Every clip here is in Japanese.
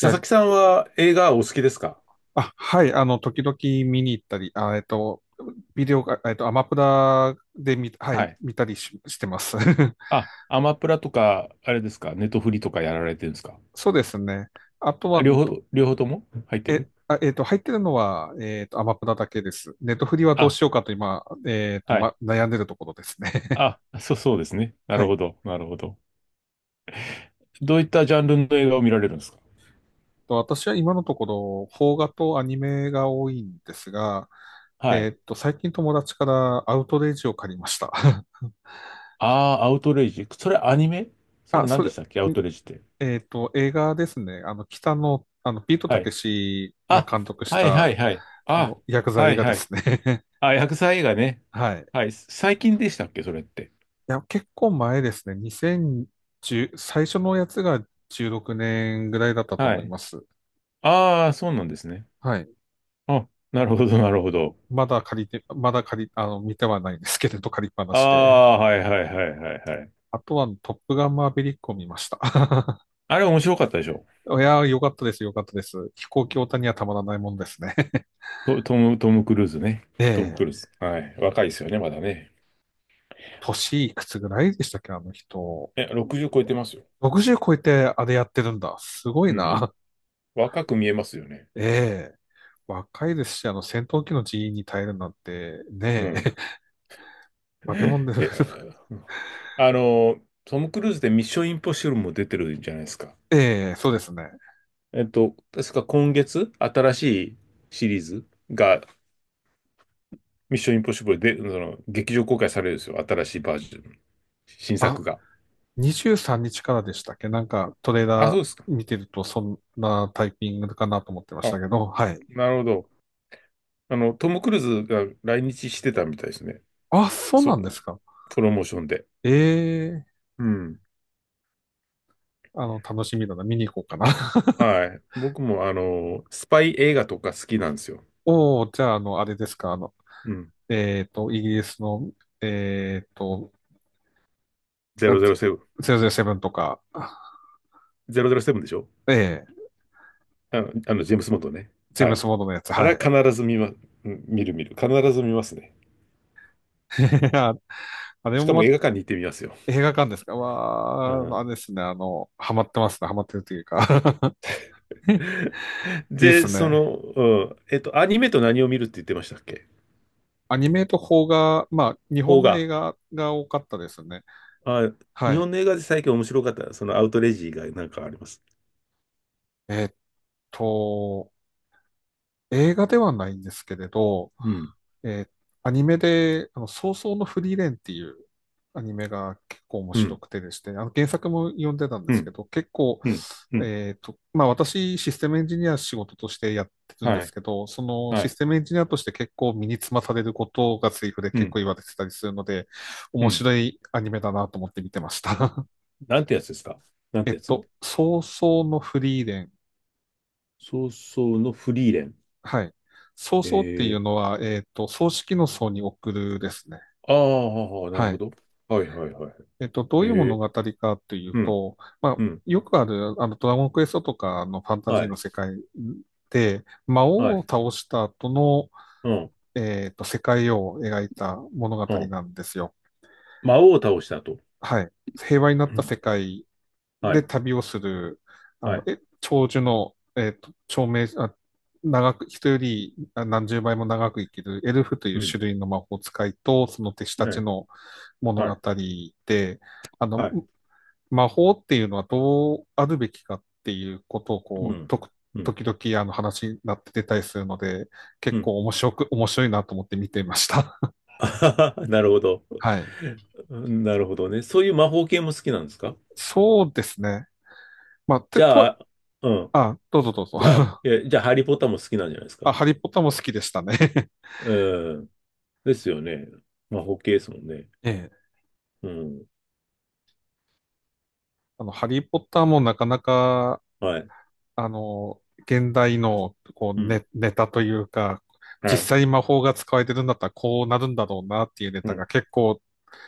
いや、々木さんは映画お好きですか？あ、はい、あの、時々見に行ったり、ビデオが、アマプラでははい、い。見たりし、してます。あ、アマプラとか、あれですか、ネトフリとかやられてるんですか？そうですね。あとあ、は、両ど方、両方とも入ってえ、る。あ、えっと、入ってるのは、アマプラだけです。ネットフリはどうあ、しようかと今、はい。ま、悩んでるところですね。あ、そうですね。なはるい。ほど、なるほど。どういったジャンルの映画を見られるんですか？と私は今のところ、邦画とアニメが多いんですが、はい。最近友達からアウトレイジを借りました。ああ、アウトレイジ。それアニメ？そあ、れ何そでれ、したっけアウトレイジって。映画ですね。北野、ピートはたけい。しがあ、監督しはいはた、いはい。あ、ヤクザは映い画ではい。すね。あ、薬剤映画ね。はい。いはい。最近でしたっけそれって。や、結構前ですね。2010、最初のやつが16年ぐらいだったとは思いい。ます。ああ、そうなんですね。はい。あ、なるほど、なるほど。まだ借りて、まだ借り、あの、見てはないんですけれど、借りっぱなあしで。あ、はいはいはいはいはい。あとは、トップガンマーヴェリックを見ました。あれ面白かったでしょ？いや、よかったです、よかったです。飛行機オタにはたまらないもんですね。トム・クルーズね。えトム・クえ。ルーズ。はい。若いですよね、まだね。年いくつぐらいでしたっけ、あの人。え、60超えてますよ。60超えてあれやってるんだ。すごういん。な。若く見えますよね。ええ。若いですし、戦闘機の人員に耐えるなんて、うねん。え。化け物で え、す。うん、あの、トム・クルーズでミッション・インポッシブルも出てるじゃないですか。ええ、そうですね。えっと、確か今月、新しいシリーズが、ミッション・インポッシブルで、その、劇場公開されるんですよ。新しいバージョン。新あ、作が。23日からでしたっけなんか、トレーあ、ラそうですか。ー見てると、そんなタイピングかなと思ってましあ、たけど、はい。なるほど。あの、トム・クルーズが来日してたみたいですね。あ、そうそなう、んですか。プロモーションで。ええ、うん。楽しみだな。見に行こうかな。はい。僕も、あの、スパイ映画とか好きなんですよ。おお、じゃあ、あれですか。うん。イギリスの、えっと、あ007。007とか、ゼロゼロセブンでしょ？ええ。あの、あのジェームス・ボンドね。チーはムい。スモードのやつ、あはれい。は必ず見ま、うん、見る見る。必ず見ますね。ああれしかもも映ま画館に行ってみますよ。映画館ですかうわー、あん。れですね、ハマってますね、ハマってるというか。 い いですで、そね。の、うん、えっと、アニメと何を見るって言ってましたっけ？アニメと邦画、まあ、日本邦の画。映画が多かったですね。あ、は日い。本の映画で最近面白かった、そのアウトレイジがなんかあります。えーっと、映画ではないんですけれど、うん、えーアニメで、葬送のフリーレンっていうアニメが結構面う白ん、くてですね、原作も読んでたんでうすけん、ど、結構、うん、うん。まあ私、システムエンジニア仕事としてやってるんではすい、けど、そのはシい、ステムエンジニアとして結構身につまされることがセリフでう結構ん、言われてたりするので、う面ん。白いアニメだなと思って見てました。なんてやつですか？な んてやつ？葬送のフリーレン。そうそうのフリーレン。はい。葬送っていうええ、のは、葬式の葬に送るですね。ああ、なるはほい。ど。はい、はい、はい。どえういう物え、語かといううん、と、まあ、うん、よくある、ドラゴンクエストとかのファンタジはーのい、世界で、魔は王をい、倒した後の、うん、世界を描いた物う語ん。なんですよ。魔王を倒した後。はい。平和になっうたん、世界はでい、旅をする、あはの、い、え、長寿の、えっと、長命、あ、長く、人より何十倍も長く生きるエルフといううん、種類の魔法使いと、その弟子たはちい、の物は語い、で、あの、はい、魔法っていうのはどうあるべきかっていうことをうこう、ん、うん、時々あの話になって出たりするので、う結ん。構面白く、面白いなと思って見ていました。あー、 なるほど。はい。なるほどね。そういう魔法系も好きなんですか？そうですね。まあ、て、じゃと、あ、うん。あ、どうぞどうぞ。じゃあ、え、じゃあ、ハリー・ポッターも好きなんじゃないですか？あ、ハリーポッターも好きでしたね。うん。ですよね。魔法系ですもんね。ええ。うん。ハリーポッターもなかなか、はい。現代の、こう、うん。ネタというか、は実い。際に魔法が使われてるんだったらこうなるんだろうなっていうネうタがん。結構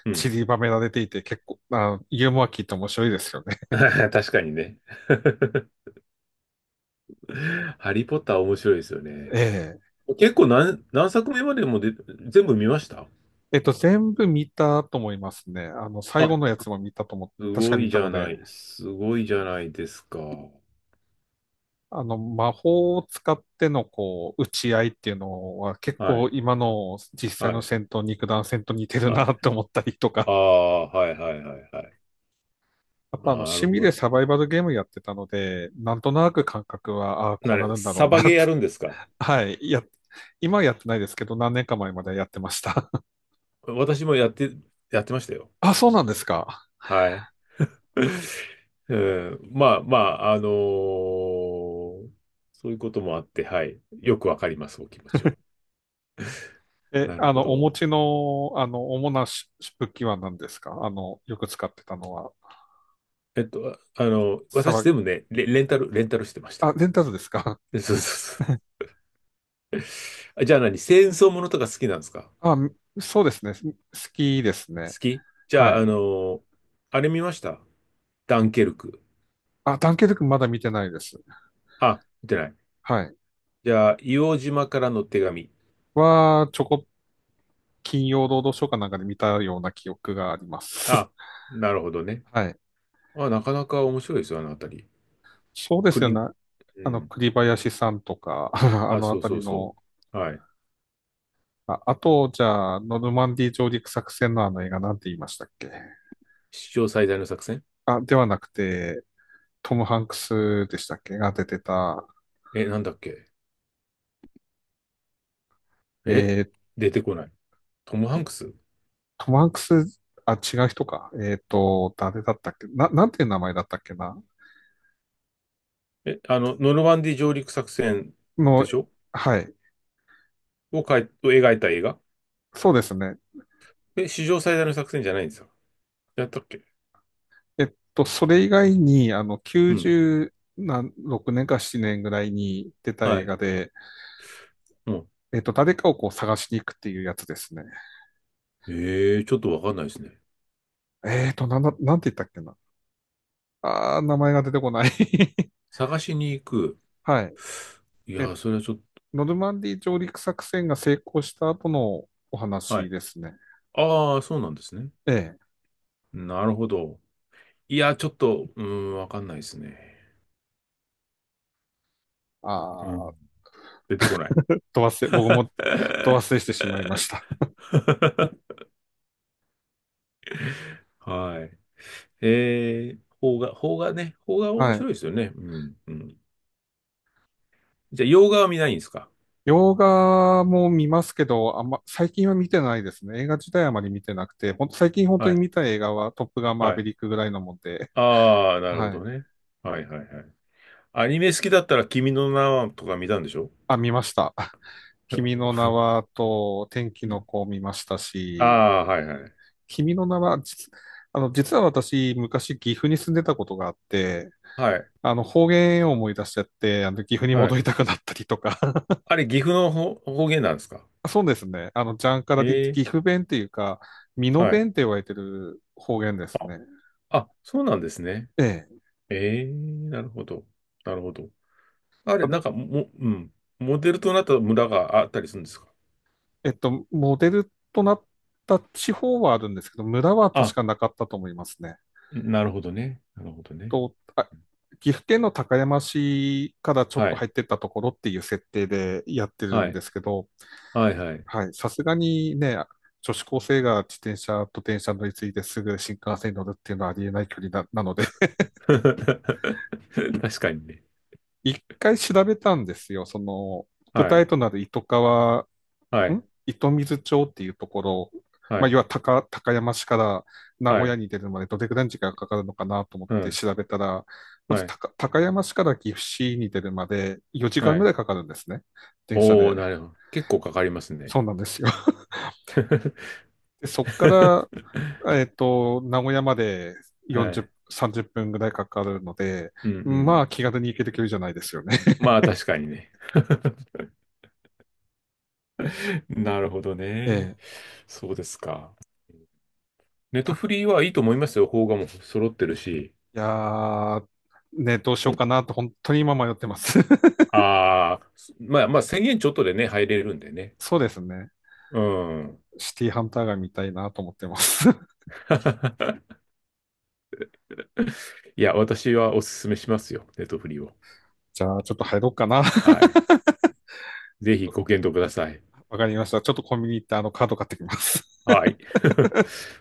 うん。散りばめられていて、結構、ユーモア効いて面白いですよね。確かにね。ハリー・ポッター面白いですよ ね。ええ。結構何作目までもで全部見ました？全部見たと思いますね。最後のやあ、つも見たと思す確かご見いたじのゃで、ない。すごいじゃないですか。魔法を使っての、こう、打ち合いっていうのは結は構い。今の実際はのい。戦闘、肉弾戦と似てるはい。なって思ったりとあか、あ、はいはいはいはい。あとな趣る味ほでど。サバイバルゲームやってたので、なんとなく感覚は、ああ、こなうなれ、るんだろうサなバっゲーて。やるんですか？ はい。や、今はやってないですけど、何年か前までやってました。私もやって、やってましたよ。あ、そうなんですか。はい。うん、まあまあ、あのー、そういうこともあって、はい。よくわかります、お気持ちは。え、なるあほの、お持ど。ちの、主なし武器は何ですか、よく使ってたのは。えっと、ああの、サ私バ、全部ね、レンタルしてました。あ、レンタルですか？ そうそうそう。あ、じゃあ何、戦争ものとか好きなんですか？あ、そうですね。好きですね。好き？じはゃあ、あい。のー、あれ見ました？ダンケルク。あ、ダンケルクまだ見てないです。あ、見てない。はい。じゃあ、硫黄島からの手紙。は、ちょこっ金曜ロードショーかなんかで見たような記憶があります。あ、なるほどね。はい。あ、なかなか面白いですよ、あのあたり。そうでクすよリね。ン、うん。栗林さんとか、ああ、のあそうたそりうその、う。はい。あ、あと、じゃあ、ノルマンディー上陸作戦のあの映画なんて言いましたっけ？史上最大の作戦？あ、ではなくて、トム・ハンクスでしたっけが出てた、え、なんだっけ？ええ、ー、出てこない。トム・ハンクス？トム・ハンクス、あ、違う人か。誰だったっけな、なんていう名前だったっけなえ、あの、ノルマンディ上陸作戦での、しょ？はい。を描いた映画？そうですね。え、史上最大の作戦じゃないんですか？やったっけ？それ以外に、うん。96年か7年ぐらいに出たは映い。画で、うん。誰かをこう探しに行くっていうやつですね。ええ、ちょっとわかんないですね。なんだ、なんて言ったっけな。あー、名前が出てこない。探しに行く。はい。いやえ、ー、それはちょっノルマンディー上陸作戦が成功した後のおと、は話い。ですね。ああ、そうなんですね。ええ。なるほど。いや、ちょっと、うーん、わかんないですね。あうん。ー、出てこない。ど忘れ、僕もど忘れしてしまいま した。はい。えー、邦画、邦画ね。邦画面はい。白いですよね。うん、うん。じゃあ、洋画は見ないんですか？洋画も見ますけど、あんま、最近は見てないですね。映画自体あまり見てなくて、ほんと、最近本当はに見い、た映画はトップガンマーはヴェい。リックぐらいのもんで、ああ、なるほはい。どね。はい、はい、はい。アニメ好きだったら、君の名はとか見たんでしょ？ あ、見ました。君の名はと天気うのん、子を見ましたあし、あ、はい、はい。君の名は、実あの、実は私、昔岐阜に住んでたことがあって、はい、方言を思い出しちゃって、岐阜には戻い。りたくなったりとか。あれ、岐阜の方方言なんですか？そうですね。ジャンカラでええ、岐阜弁っていうか、美濃はい。弁って言われてる方言ですね。あそうなんですね。ええ。ええ、なるほど。なるほど。あれ、ただ、なんかも、うん。モデルとなった村があったりするんですか？モデルとなった地方はあるんですけど、村は確あ、かなかったと思いますね。なるほどね。なるほどね。と、あ、岐阜県の高山市からちょっはとい。入ってったところっていう設定でやってるはんでい。すけど、はい、はい。はい、さすがにね、女子高生が自転車と電車乗り継いですぐ新幹線に乗るっていうのはありえない距離なので、確かにね。一回調べたんですよ。その、舞は台い。となる糸川はい。ん糸水町っていうところ、はまあ、い。要は高山市から名は古屋い。に出るまでどれくらいの時間がかかるのかなと思っうてん。調べたら、まずはい。高山市から岐阜市に出るまで4時は間ぐらい。いかかるんですね。電車おで。ー、なるほど。結構かかりますそうね。なんですよ。で、そっから、名古屋まではい。40、30分ぐらいかかるので、うんうまん。あ気軽に行ける距離じゃないですよね。まあ、確かにね。なるほど えね。え。そうですか。ネトたフリはいいと思いますよ。邦画も揃ってるし。いやー、ね、どうしようかなと本当に今迷ってます。ああ、まあまあ、1000円ちょっとでね、入れるんでね。そうですね。うん。シティハンターが見たいなと思ってます。いや、私はお勧めしますよ。ネットフリーを。じゃあ、ちょっと入ろうかな。ちはい。ぜょっひと、ご検討ください。わかりました。ちょっとコンビニ行ってあのカード買ってきます。はい。